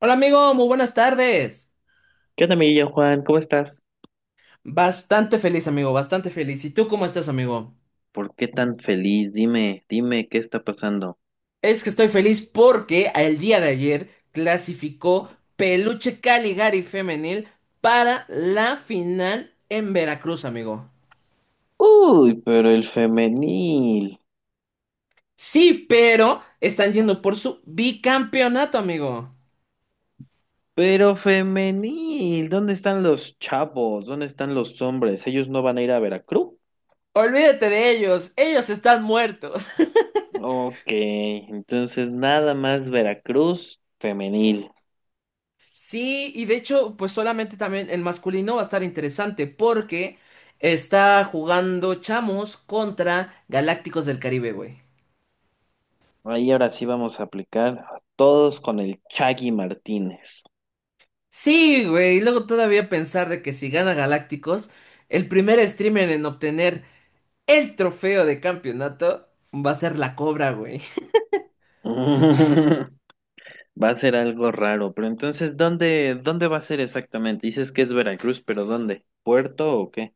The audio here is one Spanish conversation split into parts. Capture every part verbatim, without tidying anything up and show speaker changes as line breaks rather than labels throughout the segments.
Hola amigo, muy buenas tardes.
¿Qué onda, amiguillo Juan? ¿Cómo estás?
Bastante feliz amigo, bastante feliz. ¿Y tú cómo estás amigo?
¿Por qué tan feliz? Dime, dime, ¿qué está pasando?
Es que estoy feliz porque el día de ayer clasificó Peluche Caligari Femenil para la final en Veracruz amigo.
Uy, pero el femenil.
Sí, pero están yendo por su bicampeonato amigo.
Pero femenil. ¿Dónde están los chavos? ¿Dónde están los hombres? ¿Ellos no van a ir a Veracruz?
Olvídate de ellos, ellos están muertos.
Ok, entonces nada más Veracruz femenil.
Sí, y de hecho, pues solamente también el masculino va a estar interesante porque está jugando Chamos contra Galácticos del Caribe, güey.
Ahí ahora sí vamos a aplicar a todos con el Chagui Martínez.
Sí, güey, y luego todavía pensar de que si gana Galácticos, el primer streamer en obtener el trofeo de campeonato va a ser la Cobra, güey.
Va a ser algo raro, pero entonces, ¿dónde, dónde va a ser exactamente? Dices que es Veracruz, pero ¿dónde? ¿Puerto o qué?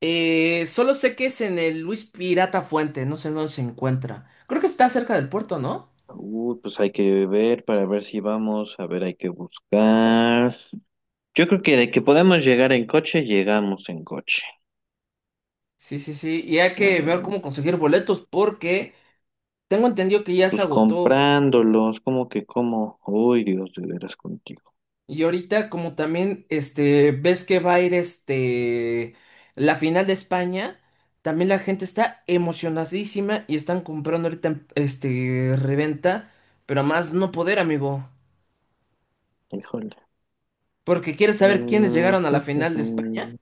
Eh, solo sé que es en el Luis Pirata Fuente, no sé dónde se encuentra. Creo que está cerca del puerto, ¿no?
Uh, pues hay que ver para ver si vamos, a ver, hay que buscar. Yo creo que de que podemos llegar en coche, llegamos en coche.
Sí, sí, sí, y hay que ver
Ah,
cómo conseguir boletos porque tengo entendido que ya se
pues
agotó.
comprándolos, como que como, uy, Dios, de veras contigo.
Y ahorita, como también, este, ves que va a ir este la final de España, también la gente está emocionadísima y están comprando ahorita en- este reventa, pero a más no poder, amigo.
Híjole.
Porque quieres saber quiénes
Mm.
llegaron a la final de España.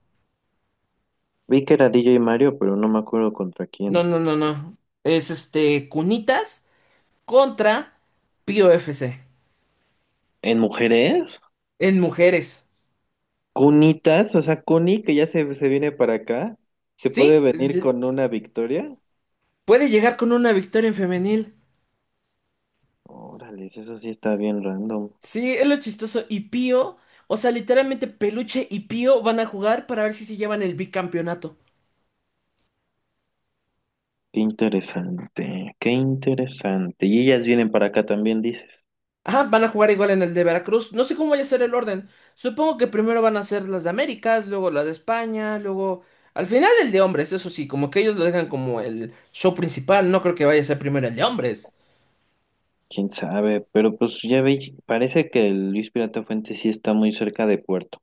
Vi que era D J Mario, pero no me acuerdo contra quién.
No, no, no, no. Es este Cunitas contra Pío F C
¿En mujeres?
en mujeres.
Cunitas, o sea, Cuni, que ya se, se viene para acá, se puede
Sí,
venir
es-
con una victoria.
puede llegar con una victoria en femenil.
Órale, eso sí está bien random.
Sí, es lo chistoso. Y Pío, o sea, literalmente Peluche y Pío van a jugar para ver si se llevan el bicampeonato.
Qué interesante, qué interesante. Y ellas vienen para acá también, dices.
Ajá, van a jugar igual en el de Veracruz. No sé cómo vaya a ser el orden. Supongo que primero van a ser las de Américas, luego las de España, luego… Al final el de hombres, eso sí, como que ellos lo dejan como el show principal. No creo que vaya a ser primero el de hombres.
Quién sabe, pero pues ya veis, parece que el Luis Pirata Fuente sí está muy cerca de Puerto,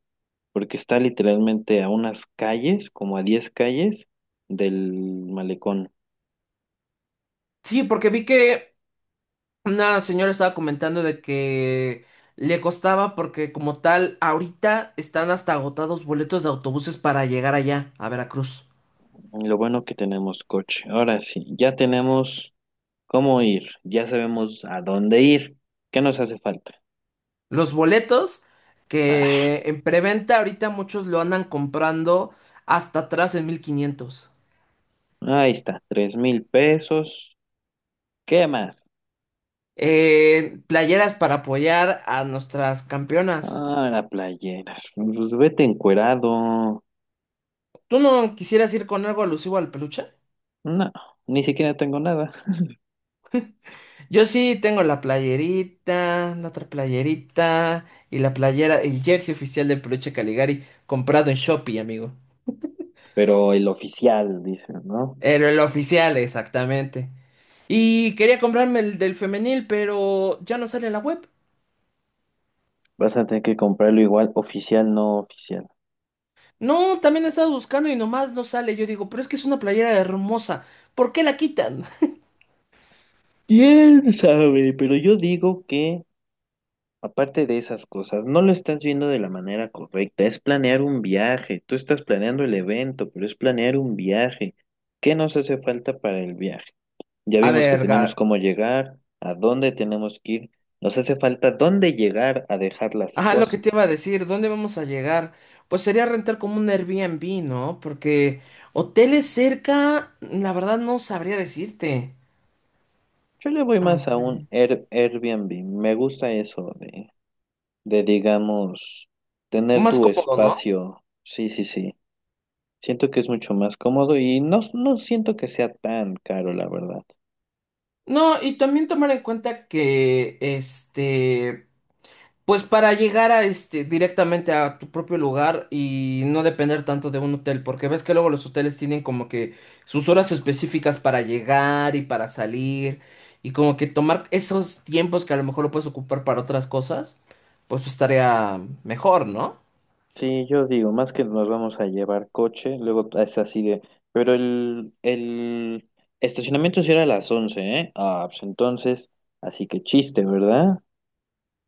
porque está literalmente a unas calles, como a diez calles del malecón.
Sí, porque vi que una señora estaba comentando de que le costaba porque como tal, ahorita están hasta agotados boletos de autobuses para llegar allá, a Veracruz.
Lo bueno que tenemos coche. Ahora sí, ya tenemos. ¿Cómo ir? Ya sabemos a dónde ir. ¿Qué nos hace falta?
Los boletos
Ah,
que en preventa ahorita muchos lo andan comprando hasta atrás en mil quinientos.
ahí está, tres mil pesos. ¿Qué más?
Eh, playeras para apoyar a nuestras campeonas.
Ah, la playera. Pues vete encuerado.
¿Tú no quisieras ir con algo alusivo al peluche?
No, ni siquiera tengo nada.
Yo sí tengo la playerita, la otra playerita y la playera, el jersey oficial del peluche Caligari comprado en Shopee, amigo.
Pero el oficial, dicen, ¿no?
El, el oficial, exactamente. Y quería comprarme el del femenil, pero ya no sale en la web.
Vas a tener que comprarlo igual, oficial, no oficial.
No, también he estado buscando y nomás no sale. Yo digo, pero es que es una playera hermosa. ¿Por qué la quitan?
¿Quién sabe? Pero yo digo que aparte de esas cosas, no lo estás viendo de la manera correcta. Es planear un viaje. Tú estás planeando el evento, pero es planear un viaje. ¿Qué nos hace falta para el viaje? Ya
A
vimos que
ver,
tenemos
ga-
cómo llegar, a dónde tenemos que ir. Nos hace falta dónde llegar a dejar las
ajá, lo que te iba
cosas.
a decir, ¿dónde vamos a llegar? Pues sería rentar como un Airbnb, ¿no? Porque hoteles cerca, la verdad no sabría decirte.
Yo le voy
A
más a un
ver,
Air- Airbnb. Me gusta eso de, de, digamos, tener
más
tu
cómodo, ¿no?
espacio. Sí, sí, sí. Siento que es mucho más cómodo y no, no siento que sea tan caro, la verdad.
No, y también tomar en cuenta que este, pues para llegar a este directamente a tu propio lugar y no depender tanto de un hotel, porque ves que luego los hoteles tienen como que sus horas específicas para llegar y para salir y como que tomar esos tiempos que a lo mejor lo puedes ocupar para otras cosas, pues estaría mejor, ¿no?
Sí, yo digo, más que nos vamos a llevar coche, luego es así de, pero el, el estacionamiento sí era a las once, ¿eh? Ah, pues entonces, así que chiste, ¿verdad?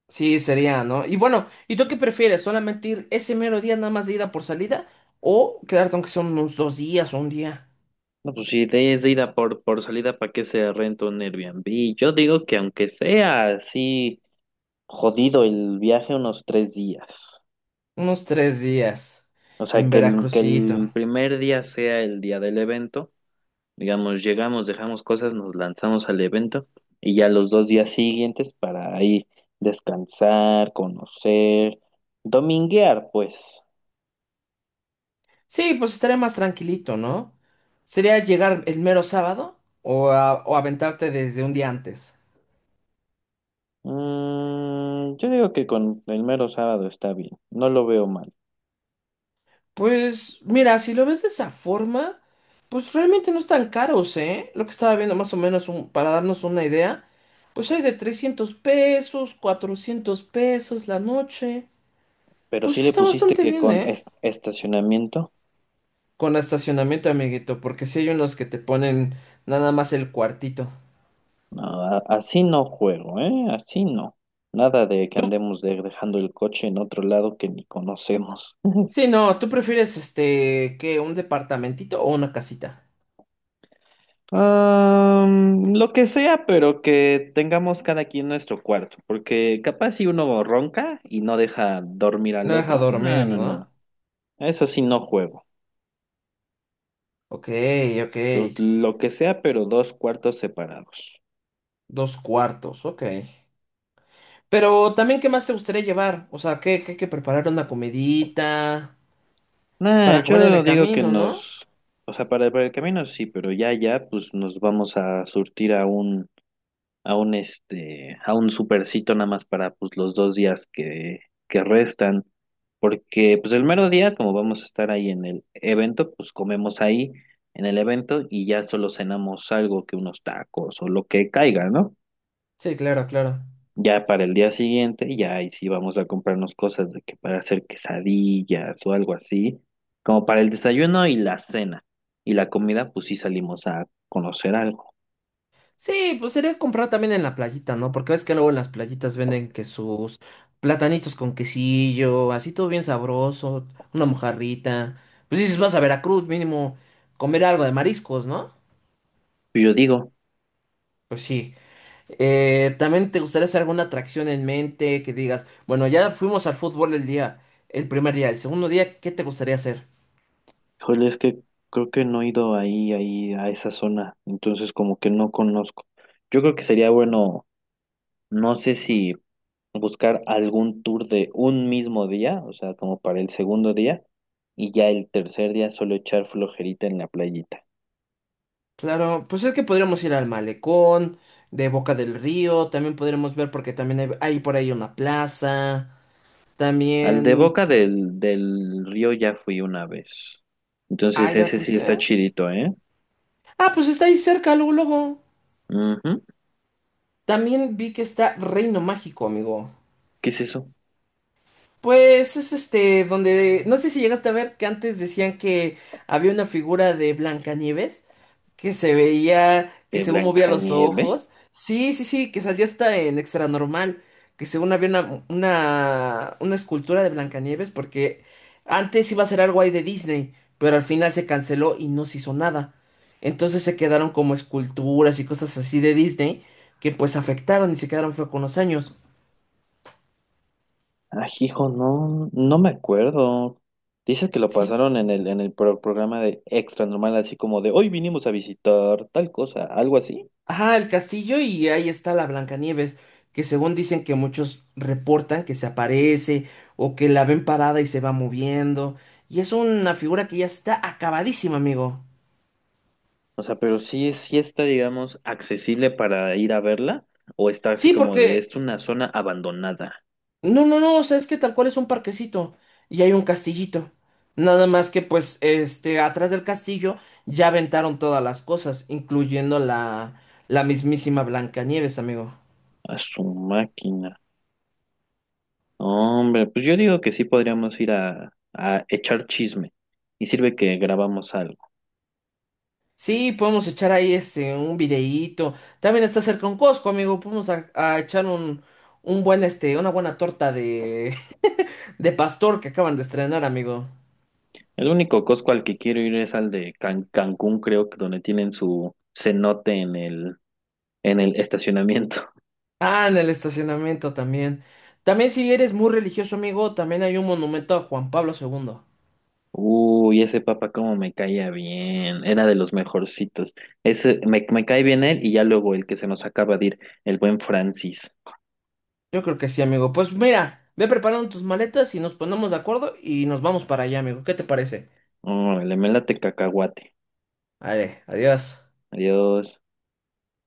Sí, sería, ¿no? Y bueno, ¿y tú qué prefieres? ¿Solamente ir ese mero día nada más de ida por salida o quedarte aunque son unos dos días o un día?
No, pues si de- es de ida por, por salida, ¿para qué se renta un Airbnb? Yo digo que aunque sea así jodido el viaje unos tres días,
Unos tres días
o sea,
en
que el, que
Veracruzito.
el primer día sea el día del evento. Digamos, llegamos, dejamos cosas, nos lanzamos al evento y ya los dos días siguientes para ahí descansar, conocer, dominguear, pues.
Sí, pues estaría más tranquilito, ¿no? ¿Sería llegar el mero sábado o, a- o aventarte desde un día antes?
Mm, yo digo que con el mero sábado está bien, no lo veo mal.
Pues mira, si lo ves de esa forma, pues realmente no están caros, ¿eh? Lo que estaba viendo más o menos un- para darnos una idea, pues hay de trescientos pesos, cuatrocientos pesos la noche.
Pero
Pues
si le
está
pusiste
bastante
que
bien,
con
¿eh?
es- estacionamiento,
Con estacionamiento, amiguito, porque si hay unos que te ponen nada más el cuartito.
no, a- así no juego, ¿eh? Así no. Nada de que andemos de- dejando el coche en otro lado que ni conocemos.
Sí, no, ¿tú prefieres este, que un departamentito o una casita?
Am, lo que sea, pero que tengamos cada quien nuestro cuarto, porque capaz si uno ronca y no deja dormir
No
al
deja
otro,
dormir,
no, no,
¿no?
no, eso sí no juego.
Ok, ok.
Entonces, lo que sea, pero dos cuartos separados.
Dos cuartos, ok. Pero también, ¿qué más te gustaría llevar? O sea, ¿qué, qué hay que preparar una comidita
Nah,
para comer en
yo
el
digo que
camino, ¿no?
nos, o sea, para, para el camino sí, pero ya, ya, pues nos vamos a surtir a un a un este, a un supercito nada más para pues los dos días que, que restan, porque pues el mero día, como vamos a estar ahí en el evento, pues comemos ahí en el evento y ya solo cenamos algo que unos tacos o lo que caiga, ¿no?
Sí, claro, claro.
Ya para el día siguiente, ya ahí sí vamos a comprarnos cosas de que para hacer quesadillas o algo así, como para el desayuno y la cena. Y la comida, pues sí salimos a conocer algo.
Sí, pues sería comprar también en la playita, ¿no? Porque ves que luego en las playitas venden que sus platanitos con quesillo, así todo bien sabroso, una mojarrita. Pues dices, vas a Veracruz, mínimo comer algo de mariscos, ¿no?
Yo digo.
Pues sí. Eh, ¿también te gustaría hacer alguna atracción en mente que digas, bueno, ya fuimos al fútbol el día, el primer día, el segundo día, ¿qué te gustaría hacer?
Híjole, es que creo que no he ido ahí, ahí, a esa zona, entonces como que no conozco. Yo creo que sería bueno, no sé si buscar algún tour de un mismo día, o sea, como para el segundo día, y ya el tercer día solo echar flojerita en la playita.
Claro, pues es que podríamos ir al malecón, de Boca del Río, también podríamos ver porque también hay, hay por ahí una plaza,
Al de
también…
Boca del, del río ya fui una vez,
Ah,
entonces
¿ya
ese sí está
fuiste?
chidito, ¿eh?
Ah, pues está ahí cerca, luego, luego.
Ujú.
También vi que está Reino Mágico, amigo.
¿Qué es eso?
Pues es este, donde… No sé si llegaste a ver que antes decían que había una figura de Blancanieves, que se veía, que
¿De
según movía los
Blancanieve?
ojos. Sí, sí, sí, que salía hasta en Extra Normal, que según había una, una, una escultura de Blancanieves, porque antes iba a ser algo ahí de Disney, pero al final se canceló y no se hizo nada. Entonces se quedaron como esculturas y cosas así de Disney que pues afectaron y se quedaron fue con los años.
Ah, hijo, no, no me acuerdo. Dices que lo
Sí,
pasaron en el, en el pro- programa de Extra Normal, así como de hoy vinimos a visitar tal cosa, algo así.
ajá, el castillo y ahí está la Blancanieves, que según dicen que muchos reportan que se aparece o que la ven parada y se va moviendo. Y es una figura que ya está acabadísima, amigo.
O sea, pero sí, sí está, digamos, accesible para ir a verla, o está así
Sí,
como de
porque…
es una zona abandonada.
No, no, no, o sea, es que tal cual es un parquecito y hay un castillito. Nada más que pues, este, atrás del castillo ya aventaron todas las cosas, incluyendo la, la mismísima Blancanieves, amigo.
A su máquina. No, hombre, pues yo digo que sí podríamos ir a, a echar chisme. Y sirve que grabamos algo.
Sí, podemos echar ahí este un videíto. También está cerca un Costco, amigo. Podemos a, a echar un, un buen este, una buena torta de de pastor que acaban de estrenar, amigo.
El único Costco al que quiero ir es al de Can- Cancún, creo que donde tienen su cenote en el en el estacionamiento.
Ah, en el estacionamiento también. También si eres muy religioso, amigo, también hay un monumento a Juan Pablo segundo.
Uy, ese papá como me caía bien, era de los mejorcitos. Ese, me, me cae bien él y ya luego el que se nos acaba de ir, el buen Francis.
Yo creo que sí, amigo. Pues mira, ve preparando tus maletas y nos ponemos de acuerdo y nos vamos para allá, amigo. ¿Qué te parece?
Oh, le me late cacahuate.
Vale, adiós.
Adiós.